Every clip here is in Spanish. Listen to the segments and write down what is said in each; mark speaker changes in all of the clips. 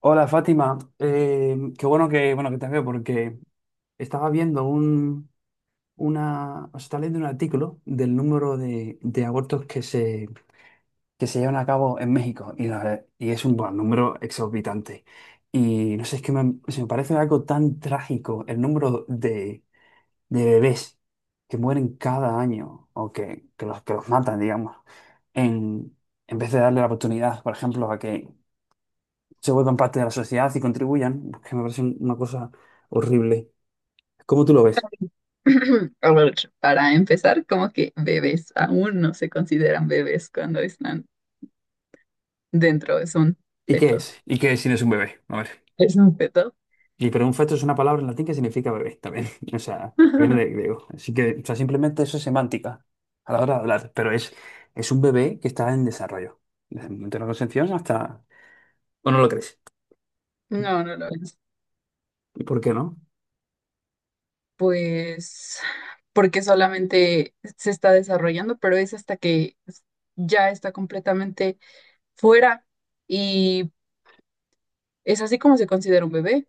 Speaker 1: Hola Fátima. Qué bueno que te veo porque estaba viendo un, una, o sea, estaba leyendo un artículo del número de abortos que se llevan a cabo en México y, es un número exorbitante. Y no sé, es que se me parece algo tan trágico el número de bebés que mueren cada año o que los matan, digamos, en, en vez de darle la oportunidad, por ejemplo, a que se vuelvan parte de la sociedad y contribuyan, pues, que me parece una cosa horrible. ¿Cómo tú lo ves?
Speaker 2: A ver, para empezar, como que bebés aún no se consideran bebés cuando están dentro, son
Speaker 1: ¿Y qué
Speaker 2: fetos.
Speaker 1: es? ¿Y qué es si no es un bebé? A ver.
Speaker 2: ¿Es un feto?
Speaker 1: Y pero un feto es una palabra en latín que significa bebé también. O sea, que viene de griego. Así que, o sea, simplemente eso es semántica a la hora de hablar. Es un bebé que está en desarrollo. Desde el momento de la concepción hasta... ¿O no lo crees?
Speaker 2: No, no lo es.
Speaker 1: ¿Y por qué no?
Speaker 2: Pues porque solamente se está desarrollando, pero es hasta que ya está completamente fuera y es así como se considera un bebé.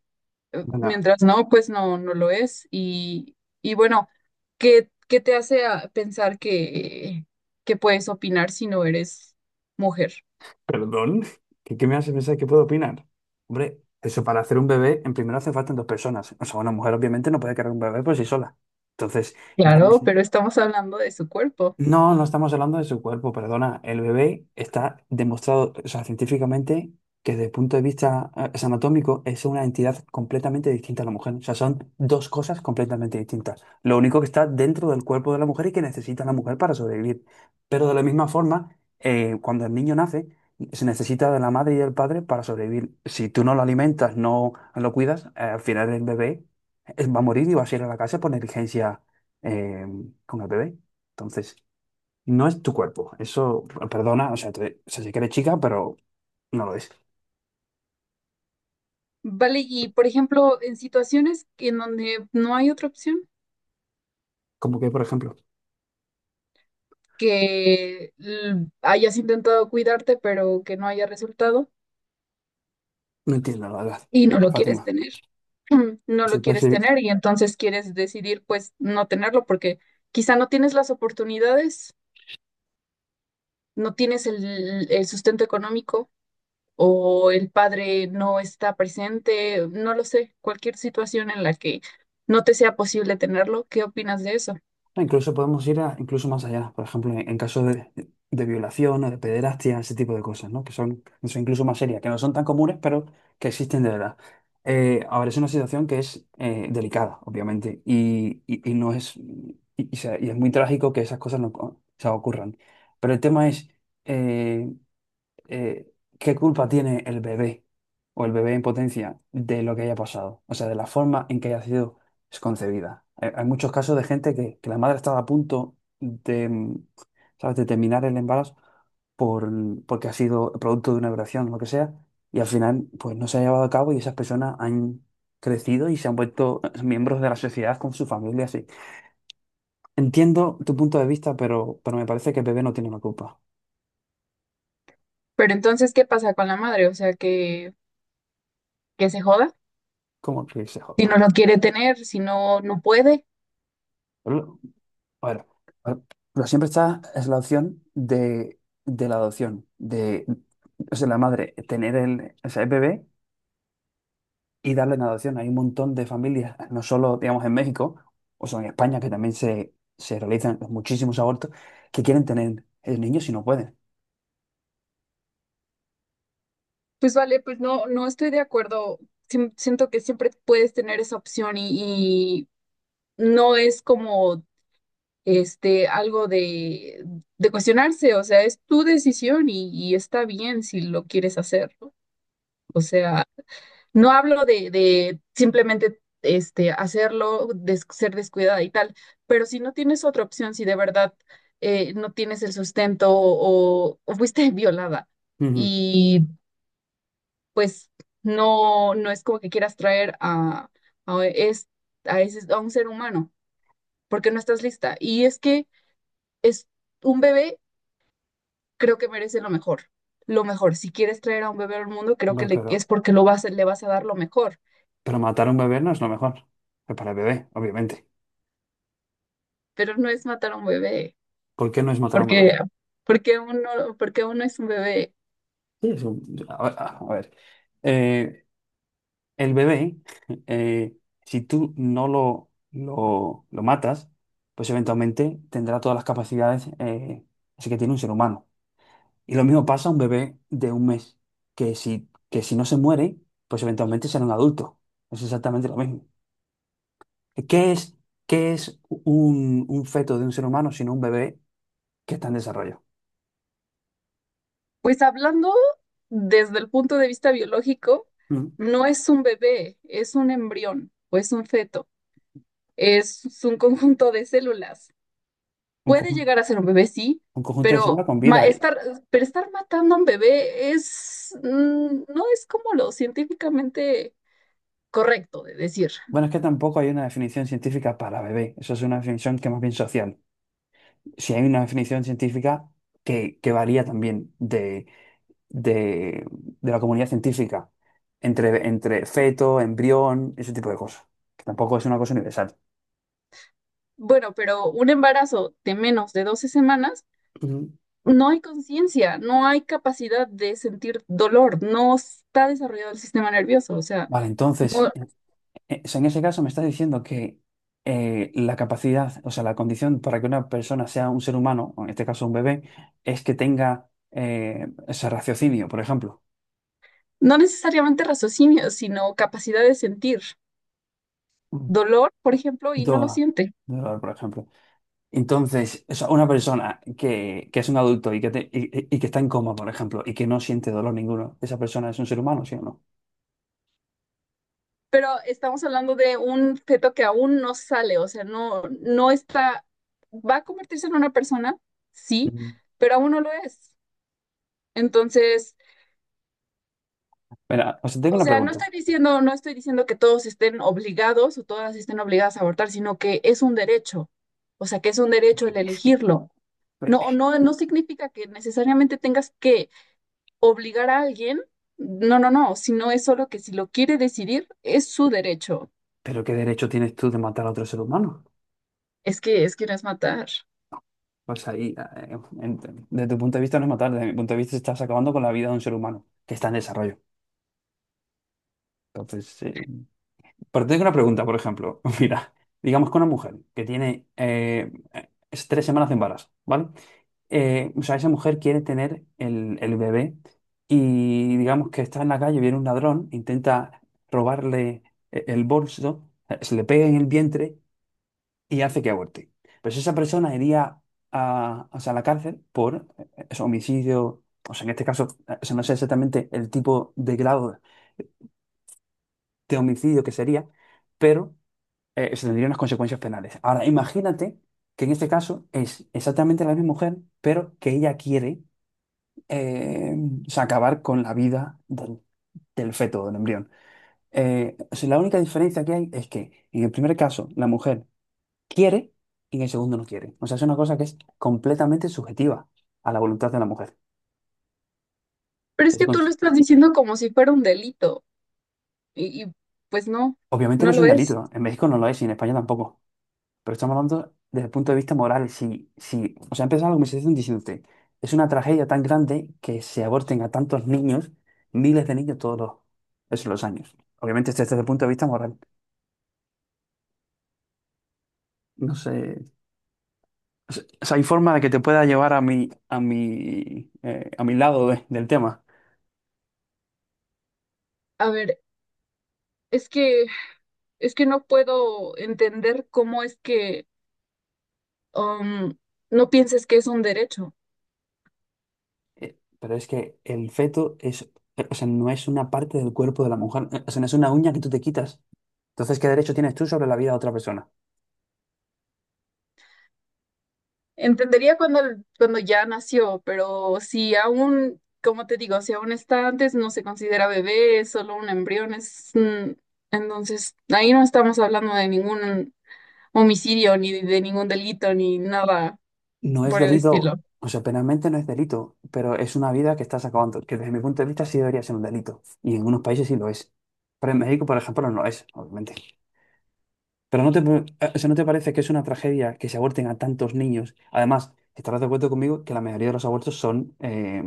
Speaker 1: Venga.
Speaker 2: Mientras no, pues no, no lo es. Y bueno, ¿qué te hace pensar que puedes opinar si no eres mujer?
Speaker 1: ¿Perdón? Qué me hace pensar que puedo opinar? Hombre, eso para hacer un bebé, en primero hace falta dos personas. O sea, una mujer obviamente no puede cargar un bebé por sí sola. Entonces, ya me,
Speaker 2: Claro, pero estamos hablando de su cuerpo.
Speaker 1: no, no estamos hablando de su cuerpo, perdona. El bebé está demostrado, o sea, científicamente, que desde el punto de vista es anatómico es una entidad completamente distinta a la mujer. O sea, son dos cosas completamente distintas. Lo único que está dentro del cuerpo de la mujer y que necesita la mujer para sobrevivir. Pero de la misma forma, cuando el niño nace, se necesita de la madre y del padre para sobrevivir. Si tú no lo alimentas, no lo cuidas, al final el bebé va a morir y va a ir a la casa por negligencia eh, con el bebé. Entonces... No es tu cuerpo. Eso, perdona, o sea, sé que eres chica, pero no lo es.
Speaker 2: Vale, y por ejemplo, en situaciones en donde no hay otra opción,
Speaker 1: Como que, por ejemplo,
Speaker 2: que hayas intentado cuidarte, pero que no haya resultado
Speaker 1: no entiendo, la verdad.
Speaker 2: y no lo quieres
Speaker 1: Fátima,
Speaker 2: tener. Mm, no
Speaker 1: eso
Speaker 2: lo
Speaker 1: puede
Speaker 2: quieres
Speaker 1: ser-
Speaker 2: tener y entonces quieres decidir pues no tenerlo porque quizá no tienes las oportunidades, no tienes el sustento económico o el padre no está presente, no lo sé, cualquier situación en la que no te sea posible tenerlo. ¿Qué opinas de eso?
Speaker 1: no, incluso podemos ir a, incluso más allá, por ejemplo, en caso de violación o de pederastia, ese tipo de cosas, ¿no? Que son incluso más serias, que no son tan comunes, pero que existen de verdad. Ahora, es una situación que es delicada, obviamente, y no es, y es muy trágico que esas cosas no co- o ocurran. Pero el tema es... eh, eh, ¿qué culpa tiene el bebé o el bebé en potencia de lo que haya pasado? O sea, de la forma en que haya sido concebida. Hay muchos casos de gente que la madre estaba a punto de, ¿sabes? De terminar el embarazo por, porque ha sido producto de una violación o lo que sea, y al final pues no se ha llevado a cabo y esas personas han crecido y se han vuelto miembros de la sociedad con su familia, así. Entiendo tu punto de vista, pero me parece que el bebé no tiene una culpa.
Speaker 2: Pero entonces, ¿qué pasa con la madre? O sea, que se joda,
Speaker 1: ¿Cómo que se
Speaker 2: si
Speaker 1: joda?
Speaker 2: no lo quiere tener, si no, no puede.
Speaker 1: Bueno, bueno, pero siempre está es la opción de la adopción, de, o sea, la madre tener o sea, el bebé y darle en adopción. Hay un montón de familias, no solo, digamos, en México, o sea, en España, que también se realizan muchísimos abortos, que quieren tener el niño si no pueden.
Speaker 2: Pues vale, pues no, no estoy de acuerdo. Siento que siempre puedes tener esa opción y no es como algo de cuestionarse. O sea, es tu decisión y está bien si lo quieres hacer, ¿no? O sea, no hablo de simplemente hacerlo, ser descuidada y tal, pero si no tienes otra opción, si de verdad no tienes el sustento o fuiste violada
Speaker 1: Ujú.
Speaker 2: y pues no, no es como que quieras traer a, es, a, ese- a un ser humano porque no estás lista. Y es que es un bebé, creo que merece lo mejor. Lo mejor. Si quieres traer a un bebé al mundo, creo que
Speaker 1: Hombre,
Speaker 2: es porque lo vas, le vas a dar lo mejor.
Speaker 1: pero matar a un bebé no es lo mejor. Pues para el bebé, obviamente.
Speaker 2: Pero no es matar a un bebé,
Speaker 1: ¿Por qué no es matar a un bebé?
Speaker 2: porque, porque uno es un bebé.
Speaker 1: Sí, es un- a ver, a ver. eh, El bebé, eh, si tú no lo matas, pues eventualmente tendrá todas las capacidades así que tiene un ser humano. Y lo mismo pasa a un bebé de un mes, que si no se muere, pues eventualmente será un adulto. Es exactamente lo mismo. ¿Qué es, ¿qué es un feto de un ser humano sino un bebé que está en desarrollo?
Speaker 2: Pues hablando desde el punto de vista biológico,
Speaker 1: ¿Mm?
Speaker 2: no es un bebé, es un embrión o es un feto, es un conjunto de células.
Speaker 1: Un,
Speaker 2: Puede
Speaker 1: conju-
Speaker 2: llegar a ser un bebé, sí,
Speaker 1: un conjunto de células
Speaker 2: pero
Speaker 1: con vida. Y,
Speaker 2: pero estar matando a un bebé es, no es como lo científicamente correcto de decir.
Speaker 1: bueno, es que tampoco hay una definición científica para bebé. Eso es una definición que más bien social. Si hay una definición científica que varía también de, de la comunidad científica, entre feto, embrión, ese tipo de cosas, que tampoco es una cosa universal.
Speaker 2: Bueno, pero un embarazo de menos de doce semanas,
Speaker 1: Ujú.
Speaker 2: no hay conciencia, no hay capacidad de sentir dolor, no está desarrollado el sistema nervioso. O sea,
Speaker 1: Vale, entonces,
Speaker 2: no,
Speaker 1: en ese caso me estás diciendo que la capacidad, o sea, la condición para que una persona sea un ser humano, o en este caso un bebé, es que tenga ese raciocinio, por ejemplo.
Speaker 2: no necesariamente raciocinio, sino capacidad de sentir
Speaker 1: Mm.
Speaker 2: dolor, por ejemplo, y no lo
Speaker 1: Do-
Speaker 2: siente.
Speaker 1: Dolor, por ejemplo. Entonces, o sea, una persona que es un adulto y y que está en coma, por ejemplo, y que no siente dolor ninguno, ¿esa persona es un ser humano, sí o no?
Speaker 2: Pero estamos hablando de un feto que aún no sale, o sea, no, no está, va a convertirse en una persona, sí,
Speaker 1: Mm.
Speaker 2: pero aún no lo es. Entonces,
Speaker 1: Mira, o sea, tengo
Speaker 2: o
Speaker 1: una
Speaker 2: sea, no
Speaker 1: pregunta.
Speaker 2: estoy diciendo, no estoy diciendo que todos estén obligados o todas estén obligadas a abortar, sino que es un derecho, o sea, que es un derecho el
Speaker 1: Es que,
Speaker 2: elegirlo.
Speaker 1: pero,
Speaker 2: No, no, no significa que necesariamente tengas que obligar a alguien, no, no, no, sino es solo que si lo quiere decidir, es su derecho.
Speaker 1: pero ¿qué derecho tienes tú de matar a otro ser humano?
Speaker 2: Es que no es matar.
Speaker 1: Pues ahí, desde tu punto de vista no es matar, desde mi punto de vista estás acabando con la vida de un ser humano que está en desarrollo. Entonces, pero te tengo una pregunta, por ejemplo. Mira, digamos que una mujer que tiene es 3 semanas de embarazo, ¿vale? O sea, esa mujer quiere tener el bebé y digamos que está en la calle, viene un ladrón, intenta robarle el bolso, se le pega en el vientre y hace que aborte. Pues esa persona iría a, o sea, a la cárcel por eso, homicidio, o sea, en este caso, o sea, no sé exactamente el tipo de grado de homicidio que sería, pero se tendrían unas consecuencias penales. Ahora, imagínate que en este caso es exactamente la misma mujer, pero que ella quiere eh, o sea, acabar con la vida del feto, del embrión. O sea, la única diferencia que hay es que en el primer caso la mujer quiere y en el segundo no quiere. O sea, es una cosa que es completamente subjetiva a la voluntad de la mujer.
Speaker 2: Pero es
Speaker 1: Que se
Speaker 2: que tú lo
Speaker 1: cons-
Speaker 2: estás diciendo como si fuera un delito y, pues no,
Speaker 1: Obviamente no
Speaker 2: no
Speaker 1: es
Speaker 2: lo
Speaker 1: un
Speaker 2: es.
Speaker 1: delito. En México no lo es y en España tampoco. Pero estamos hablando desde el punto de vista moral. Si, si, O sea, empezaba la conversación diciéndote, es una tragedia tan grande que se aborten a tantos niños, miles de niños esos los años. Obviamente desde el punto de vista moral. No sé. O sea, hay forma de que te pueda llevar a mi, a mi lado del tema.
Speaker 2: A ver, es que es que no puedo entender cómo es que um, no pienses que es un derecho.
Speaker 1: Pero es que el feto es, o sea, no es una parte del cuerpo de la mujer. O sea, no es una uña que tú te quitas. Entonces, ¿qué derecho tienes tú sobre la vida de otra persona?
Speaker 2: Entendería cuando cuando ya nació, pero si aún, como te digo, si aún está antes, no se considera bebé, es solo un embrión, es entonces ahí no estamos hablando de ningún homicidio ni de ningún delito ni nada
Speaker 1: No es
Speaker 2: por el
Speaker 1: delito,
Speaker 2: estilo.
Speaker 1: o sea, penalmente no es delito, pero es una vida que estás acabando, que desde mi punto de vista sí debería ser un delito. Y en algunos países sí lo es. Pero en México, por ejemplo, no lo es, obviamente. Pero no te, o sea, ¿no te parece que es una tragedia que se aborten a tantos niños? Además, estarás de acuerdo conmigo que la mayoría de los abortos son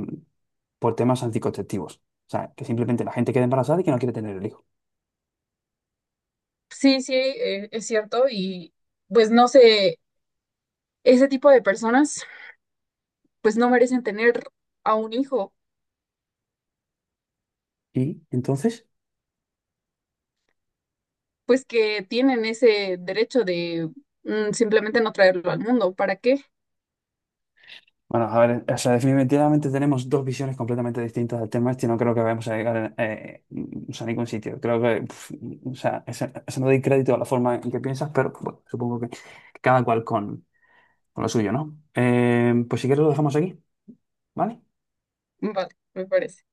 Speaker 1: por temas anticonceptivos. O sea, que simplemente la gente queda embarazada y que no quiere tener el hijo.
Speaker 2: Sí, sí, es cierto y pues no sé, ese tipo de personas pues no merecen tener a un hijo,
Speaker 1: ¿Y entonces?
Speaker 2: pues que tienen ese derecho de simplemente no traerlo al mundo. ¿Para qué?
Speaker 1: Bueno, a ver, o sea, definitivamente tenemos dos visiones completamente distintas del tema este y no creo que vayamos a llegar a ningún sitio. Creo que, pf, ese no doy crédito a la forma en que piensas, pero bueno, supongo que cada cual con lo suyo, ¿no? Pues si quieres lo dejamos aquí, ¿vale?
Speaker 2: Vale, me parece.